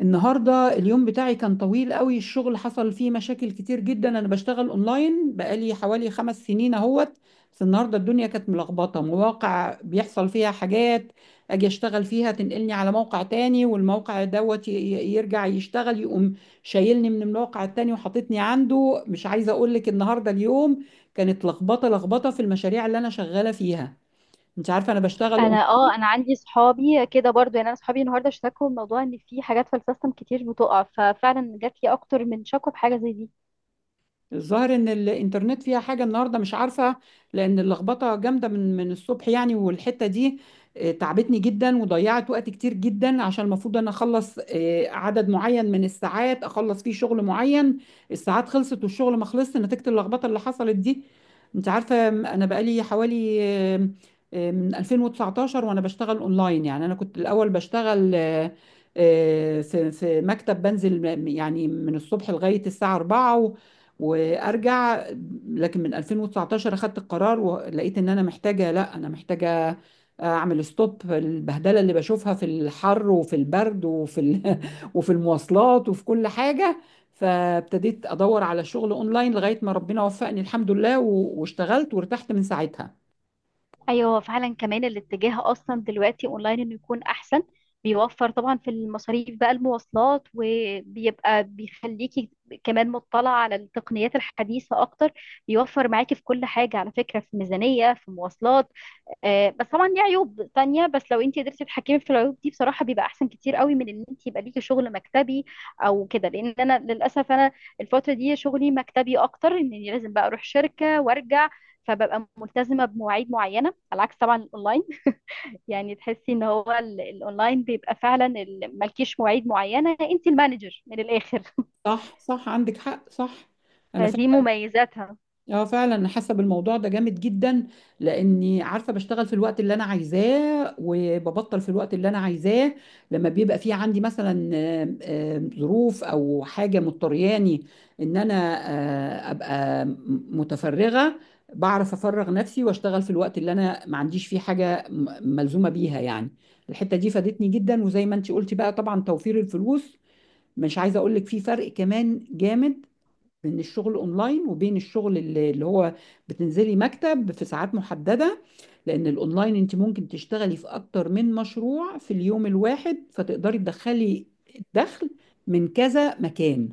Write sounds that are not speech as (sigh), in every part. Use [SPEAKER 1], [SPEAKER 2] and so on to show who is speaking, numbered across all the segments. [SPEAKER 1] النهارده اليوم بتاعي كان طويل قوي. الشغل حصل فيه مشاكل كتير جدا. انا بشتغل اونلاين بقالي حوالي 5 سنين اهوت. بس النهارده الدنيا كانت ملخبطه، مواقع بيحصل فيها حاجات اجي اشتغل فيها تنقلني على موقع تاني، والموقع دوت يرجع يشتغل، يقوم شايلني من الموقع التاني وحاططني عنده. مش عايزه اقول لك النهارده اليوم كانت لخبطه لخبطه في المشاريع اللي انا شغاله فيها. انت عارفه انا بشتغل.
[SPEAKER 2] انا انا عندي صحابي كده برضو يعني انا صحابي النهارده اشتكوا موضوع ان في حاجات في السيستم كتير بتقع، ففعلا جات لي اكتر من شكوى بحاجه زي دي.
[SPEAKER 1] الظاهر ان الانترنت فيها حاجه النهارده، مش عارفه، لان اللخبطه جامده من الصبح يعني، والحته دي تعبتني جدا وضيعت وقت كتير جدا، عشان المفروض انا اخلص عدد معين من الساعات اخلص فيه شغل معين. الساعات خلصت والشغل ما خلصش نتيجه اللخبطه اللي حصلت دي. انت عارفه، انا بقالي حوالي من 2019 وانا بشتغل اونلاين. يعني انا كنت الاول بشتغل في مكتب، بنزل يعني من الصبح لغايه الساعه 4 وارجع. لكن من 2019 اخدت القرار ولقيت ان انا محتاجه، لا، انا محتاجه اعمل ستوب البهدله اللي بشوفها في الحر وفي البرد وفي (laughs) وفي المواصلات وفي كل حاجه. فابتديت ادور على شغل اونلاين لغايه ما ربنا وفقني، الحمد لله، واشتغلت وارتحت من ساعتها.
[SPEAKER 2] ايوه فعلا، كمان الاتجاه اصلا دلوقتي اونلاين انه يكون احسن. بيوفر طبعا في المصاريف بقى المواصلات، وبيبقى بيخليكي كمان مطلعه على التقنيات الحديثه اكتر. بيوفر معاكي في كل حاجه على فكره، في ميزانيه، في مواصلات. بس طبعا ليه عيوب تانية، بس لو انت قدرتي تتحكمي في العيوب دي بصراحة بيبقى احسن كتير قوي من ان انت يبقى ليكي شغل مكتبي او كده. لان انا للاسف انا الفترة دي شغلي مكتبي اكتر، اني لازم بقى اروح شركة وارجع، فببقى ملتزمة بمواعيد معينة على عكس طبعا الاونلاين. (laughs) يعني تحسي ان هو الاونلاين بيبقى فعلا مالكيش مواعيد معينة، انت المانجر من الاخر. (laughs)
[SPEAKER 1] صح، صح، عندك حق، صح. انا
[SPEAKER 2] فدي
[SPEAKER 1] فعلا،
[SPEAKER 2] مميزاتها.
[SPEAKER 1] اه فعلا انا حاسه بالموضوع ده جامد جدا، لاني عارفه بشتغل في الوقت اللي انا عايزاه وببطل في الوقت اللي انا عايزاه. لما بيبقى في عندي مثلا ظروف او حاجه مضطرياني ان انا ابقى متفرغه، بعرف افرغ نفسي واشتغل في الوقت اللي انا ما عنديش فيه حاجه ملزومه بيها يعني. الحته دي فادتني جدا. وزي ما انت قلتي بقى، طبعا توفير الفلوس، مش عايزه اقول لك في فرق كمان جامد بين الشغل اونلاين وبين الشغل اللي هو بتنزلي مكتب في ساعات محددة. لان الاونلاين انت ممكن تشتغلي في اكتر من مشروع في اليوم الواحد، فتقدري تدخلي الدخل من كذا مكان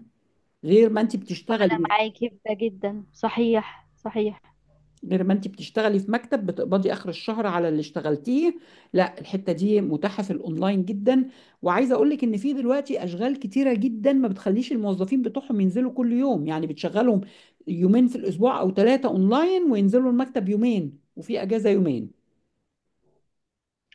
[SPEAKER 1] غير ما انت
[SPEAKER 2] أنا
[SPEAKER 1] بتشتغلي.
[SPEAKER 2] معاكي في ده جدا، صحيح صحيح.
[SPEAKER 1] غير ما انت بتشتغلي في مكتب بتقبضي اخر الشهر على اللي اشتغلتيه، لا، الحته دي متاحه في الاونلاين جدا. وعايزه اقول لك ان في دلوقتي اشغال كتيره جدا ما بتخليش الموظفين بتوعهم ينزلوا كل يوم، يعني بتشغلهم يومين في الاسبوع او ثلاثه اونلاين، وينزلوا المكتب يومين، وفي اجازه يومين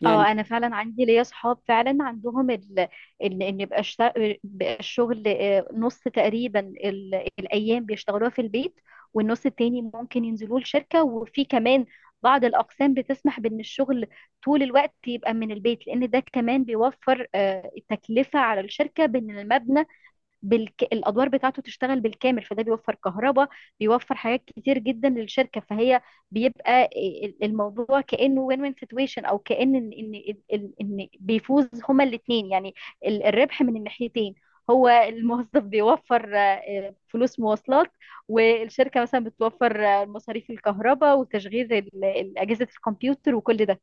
[SPEAKER 1] يعني.
[SPEAKER 2] اه انا فعلا عندي ليا صحاب فعلا عندهم ان يبقى بقى الشغل نص تقريبا الايام بيشتغلوها في البيت، والنص التاني ممكن ينزلوا الشركه. وفي كمان بعض الاقسام بتسمح بان الشغل طول الوقت يبقى من البيت، لان ده كمان بيوفر التكلفه على الشركه، بان المبنى الادوار بتاعته تشتغل بالكامل، فده بيوفر كهرباء، بيوفر حاجات كتير جدا للشركه. فهي بيبقى الموضوع كانه وين وين سيتويشن، او كان ان ان ان إن بيفوز هما الاثنين يعني، الربح من الناحيتين. هو الموظف بيوفر فلوس مواصلات، والشركه مثلا بتوفر مصاريف الكهرباء وتشغيل اجهزه الكمبيوتر وكل ده.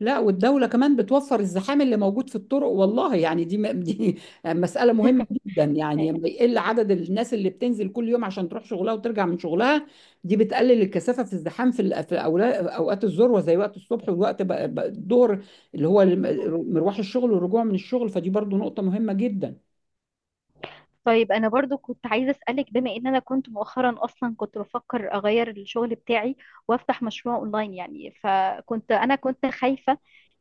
[SPEAKER 1] لا، والدولة كمان بتوفر الزحام اللي موجود في الطرق، والله يعني دي دي (laughs) مسألة مهمة
[SPEAKER 2] (laughs)
[SPEAKER 1] جدا. يعني لما يقل عدد الناس اللي بتنزل كل يوم عشان تروح شغلها وترجع من شغلها، دي بتقلل الكثافة في الزحام، في أوقات الذروة زي وقت الصبح والوقت بقى الظهر اللي هو مروح الشغل والرجوع من الشغل، فدي برضو نقطة مهمة جدا.
[SPEAKER 2] طيب انا برضو كنت عايزه اسالك، بما ان انا كنت مؤخرا اصلا كنت بفكر اغير الشغل بتاعي وافتح مشروع اونلاين يعني. فكنت انا كنت خايفه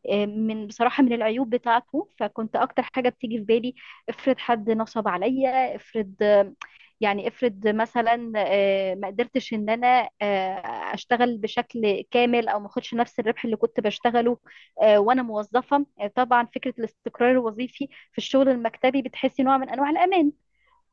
[SPEAKER 2] من بصراحه من العيوب بتاعته. فكنت اكتر حاجه بتيجي في بالي، افرض حد نصب عليا، افرض يعني افرض مثلا ما قدرتش ان انا اشتغل بشكل كامل، او ما اخدش نفس الربح اللي كنت بشتغله وانا موظفه. طبعا فكره الاستقرار الوظيفي في الشغل المكتبي بتحسي نوع من انواع الامان.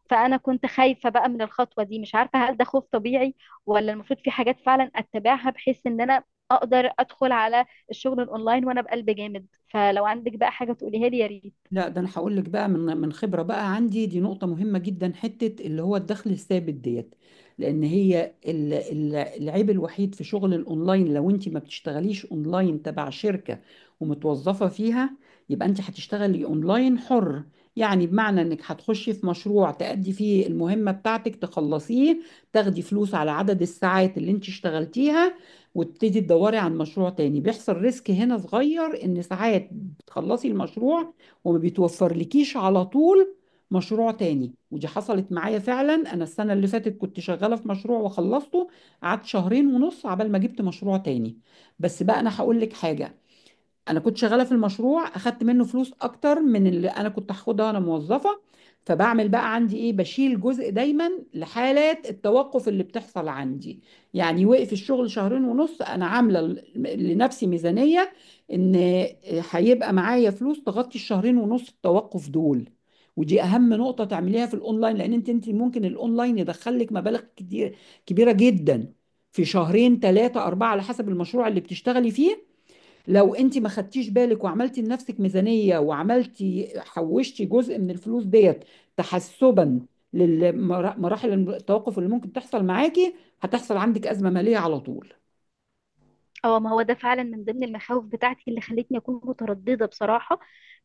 [SPEAKER 2] فانا كنت خايفه بقى من الخطوه دي، مش عارفه هل ده خوف طبيعي، ولا المفروض في حاجات فعلا اتبعها بحيث ان انا اقدر ادخل على الشغل الاونلاين وانا بقلب جامد. فلو عندك بقى حاجه تقوليها لي يا ريت.
[SPEAKER 1] لا، ده انا هقول لك بقى من خبره بقى عندي، دي نقطه مهمه جدا، حته اللي هو الدخل الثابت ديت. لان هي العيب الوحيد في شغل الاونلاين، لو انت ما بتشتغليش اونلاين تبع شركه ومتوظفه فيها، يبقى انت هتشتغلي اونلاين حر. يعني بمعنى انك هتخشي في مشروع تأدي فيه المهمه بتاعتك، تخلصيه، تاخدي فلوس على عدد الساعات اللي انت اشتغلتيها، وتبتدي تدوري عن مشروع تاني. بيحصل ريسك هنا صغير، ان ساعات بتخلصي المشروع وما بيتوفرلكيش على طول مشروع تاني. ودي حصلت معايا فعلا. انا السنه اللي فاتت كنت شغاله في مشروع وخلصته، قعدت شهرين ونص عبال ما جبت مشروع تاني. بس بقى انا هقول لك حاجه، انا كنت شغاله في المشروع اخدت منه فلوس اكتر من اللي انا كنت هاخدها وانا موظفه. فبعمل بقى عندي ايه، بشيل جزء دايما لحالات التوقف اللي بتحصل عندي. يعني وقف الشغل شهرين ونص، انا عامله لنفسي ميزانيه ان هيبقى معايا فلوس تغطي الشهرين ونص التوقف دول. ودي اهم نقطه تعمليها في الاونلاين، لان انت ممكن الاونلاين يدخلك مبالغ كتير كبيره جدا في شهرين ثلاثه اربعه على حسب المشروع اللي بتشتغلي فيه. لو انت ما خدتيش بالك وعملتي لنفسك ميزانية وعملتي، حوشتي جزء من الفلوس ديت تحسبا لمراحل التوقف اللي ممكن تحصل معاكي، هتحصل عندك أزمة مالية على طول.
[SPEAKER 2] اه، ما هو ده فعلا من ضمن المخاوف بتاعتي اللي خلتني اكون متردده بصراحه.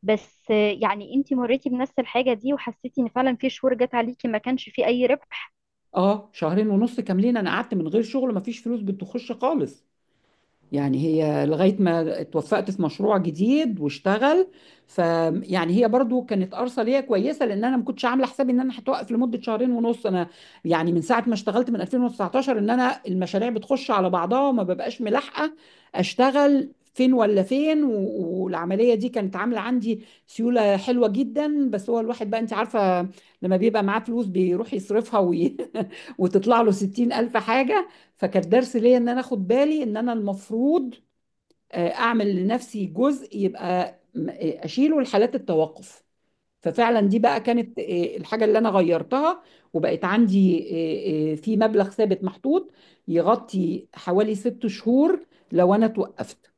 [SPEAKER 2] بس يعني انتي مريتي بنفس الحاجه دي؟ وحسيتي ان فعلا في شهور جت عليكي ما كانش في اي ربح؟
[SPEAKER 1] اه، شهرين ونص كاملين انا قعدت من غير شغل، مفيش فلوس بتخش خالص يعني، هي لغاية ما اتوفقت في مشروع جديد واشتغل فيعني هي برضو كانت أرصة ليا كويسة، لأن أنا ما كنتش عاملة حسابي إن أنا هتوقف لمدة شهرين ونص. أنا يعني من ساعة ما اشتغلت من 2019 إن أنا المشاريع بتخش على بعضها وما ببقاش ملاحقة أشتغل فين ولا فين، والعملية دي كانت عاملة عندي سيولة حلوة جدا. بس هو الواحد بقى أنت عارفة لما بيبقى معاه فلوس بيروح يصرفها (laughs) وتطلع له 60,000 حاجة. فكان درس ليا ان انا اخد بالي ان انا المفروض اعمل لنفسي جزء يبقى اشيله لحالات التوقف. ففعلا دي بقى كانت الحاجة اللي انا غيرتها، وبقت عندي في مبلغ ثابت محطوط يغطي حوالي 6 شهور لو انا توقفت.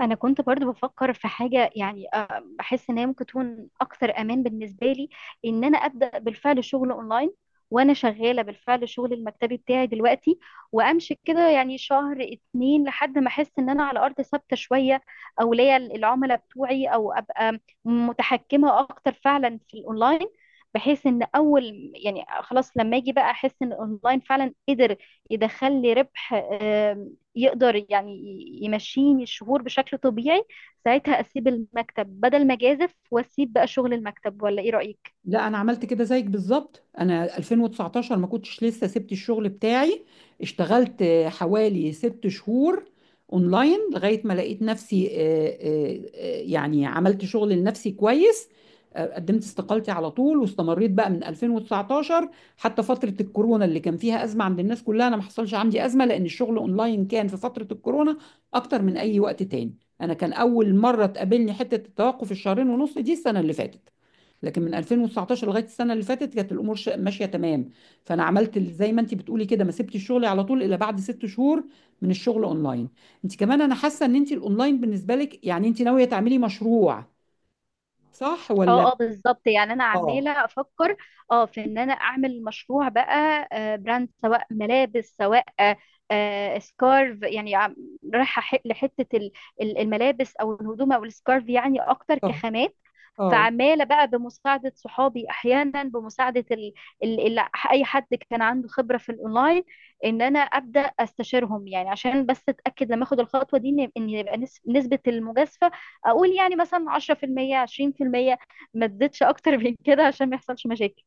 [SPEAKER 2] انا كنت برضو بفكر في حاجه يعني، بحس ان هي ممكن تكون اكثر امان بالنسبه لي، ان انا ابدا بالفعل شغل اونلاين وانا شغاله بالفعل الشغل المكتبي بتاعي دلوقتي، وامشي كده يعني شهر اتنين لحد ما احس ان انا على ارض ثابته شويه، او ليا العملاء بتوعي، او ابقى متحكمه اكتر فعلا في الاونلاين. بحيث ان اول يعني خلاص لما اجي بقى احس ان الاونلاين فعلا قدر يدخل لي ربح، آه، يقدر يعني يمشيني الشهور بشكل طبيعي، ساعتها اسيب المكتب، بدل ما اجازف واسيب بقى شغل المكتب. ولا ايه رأيك؟
[SPEAKER 1] لا، انا عملت كده زيك بالظبط. انا 2019 ما كنتش لسه سبت الشغل بتاعي، اشتغلت حوالي 6 شهور اونلاين لغايه ما لقيت نفسي يعني عملت شغل لنفسي كويس. قدمت استقالتي على طول واستمريت بقى من 2019 حتى فتره الكورونا اللي كان فيها ازمه عند الناس كلها انا ما حصلش عندي ازمه، لان الشغل اونلاين كان في فتره الكورونا اكتر من اي وقت تاني. انا كان اول مره تقابلني حته التوقف الشهرين ونص دي السنه اللي فاتت. لكن من 2019 لغايه السنه اللي فاتت كانت الامور ماشيه تمام. فانا عملت زي ما انت بتقولي كده، ما سبتش شغلي على طول الا بعد 6 شهور من الشغل اونلاين. انت كمان انا حاسه ان انت الاونلاين بالنسبه لك يعني انت ناويه تعملي مشروع، صح ولا؟
[SPEAKER 2] اه اه بالظبط، يعني انا
[SPEAKER 1] اه،
[SPEAKER 2] عمالة افكر اه في ان انا اعمل مشروع بقى براند، سواء ملابس، سواء سكارف. يعني لحتة الملابس او الهدوم او السكارف يعني اكتر
[SPEAKER 1] اه،
[SPEAKER 2] كخامات.
[SPEAKER 1] اه،
[SPEAKER 2] فعماله بقى بمساعده صحابي احيانا بمساعده ال... ال... اي حد كان عنده خبره في الاونلاين، ان انا ابدا استشيرهم يعني، عشان بس اتاكد لما اخد الخطوه دي ان إن يبقى نسبه المجازفه اقول يعني مثلا 10% 20%، ما تزيدش اكتر من كده عشان ما يحصلش مشاكل.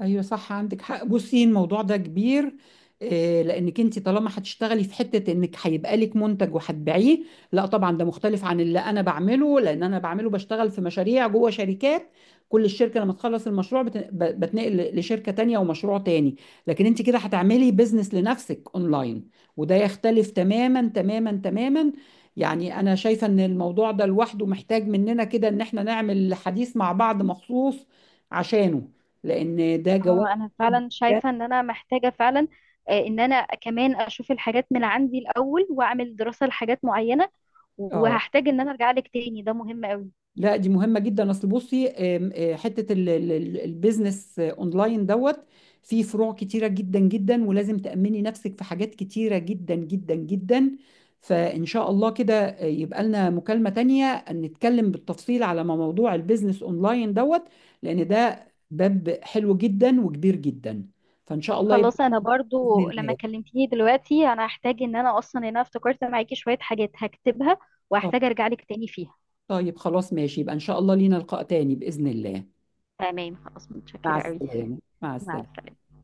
[SPEAKER 1] ايوه، صح، عندك حق. بصي الموضوع ده كبير، لانك انت طالما هتشتغلي في حته انك هيبقى لك منتج وهتبيعيه. لا طبعا ده مختلف عن اللي انا بعمله، لان انا بعمله بشتغل في مشاريع جوه شركات. كل الشركه لما تخلص المشروع بتنقل لشركه تانية ومشروع تاني. لكن انت كده هتعملي بيزنس لنفسك اونلاين، وده يختلف تماما تماما تماما. يعني انا شايفه ان الموضوع ده لوحده محتاج مننا كده ان احنا نعمل حديث مع بعض مخصوص عشانه، لان ده جوانب
[SPEAKER 2] اه انا
[SPEAKER 1] كتير
[SPEAKER 2] فعلا
[SPEAKER 1] جداً.
[SPEAKER 2] شايفه ان انا محتاجه فعلا، ان انا كمان اشوف الحاجات من عندي الاول واعمل دراسه لحاجات معينه.
[SPEAKER 1] اه،
[SPEAKER 2] وهحتاج ان انا ارجع لك تاني، ده مهم قوي.
[SPEAKER 1] لا، دي مهمه جدا. اصل بصي، آم، آه، حته البيزنس اونلاين دوت، فيه فروع كتيره جدا جدا، ولازم تامني نفسك في حاجات كتيره جدا جدا جدا. فان شاء الله كده يبقى لنا مكالمه تانية نتكلم بالتفصيل على موضوع البيزنس اونلاين دوت، لان ده باب حلو جدا وكبير جدا. فان شاء الله يبقى،
[SPEAKER 2] خلاص انا برضو
[SPEAKER 1] باذن
[SPEAKER 2] لما
[SPEAKER 1] الله.
[SPEAKER 2] كلمتيني دلوقتي انا هحتاج ان انا اصلا ان انا افتكرت معاكي شوية حاجات هكتبها،
[SPEAKER 1] آه،
[SPEAKER 2] وهحتاج ارجع لك تاني فيها.
[SPEAKER 1] طيب، خلاص ماشي، يبقى ان شاء الله لينا لقاء تاني باذن الله.
[SPEAKER 2] تمام خلاص،
[SPEAKER 1] مع
[SPEAKER 2] متشكرة قوي.
[SPEAKER 1] السلامة، مع
[SPEAKER 2] مع
[SPEAKER 1] السلامة.
[SPEAKER 2] السلامة.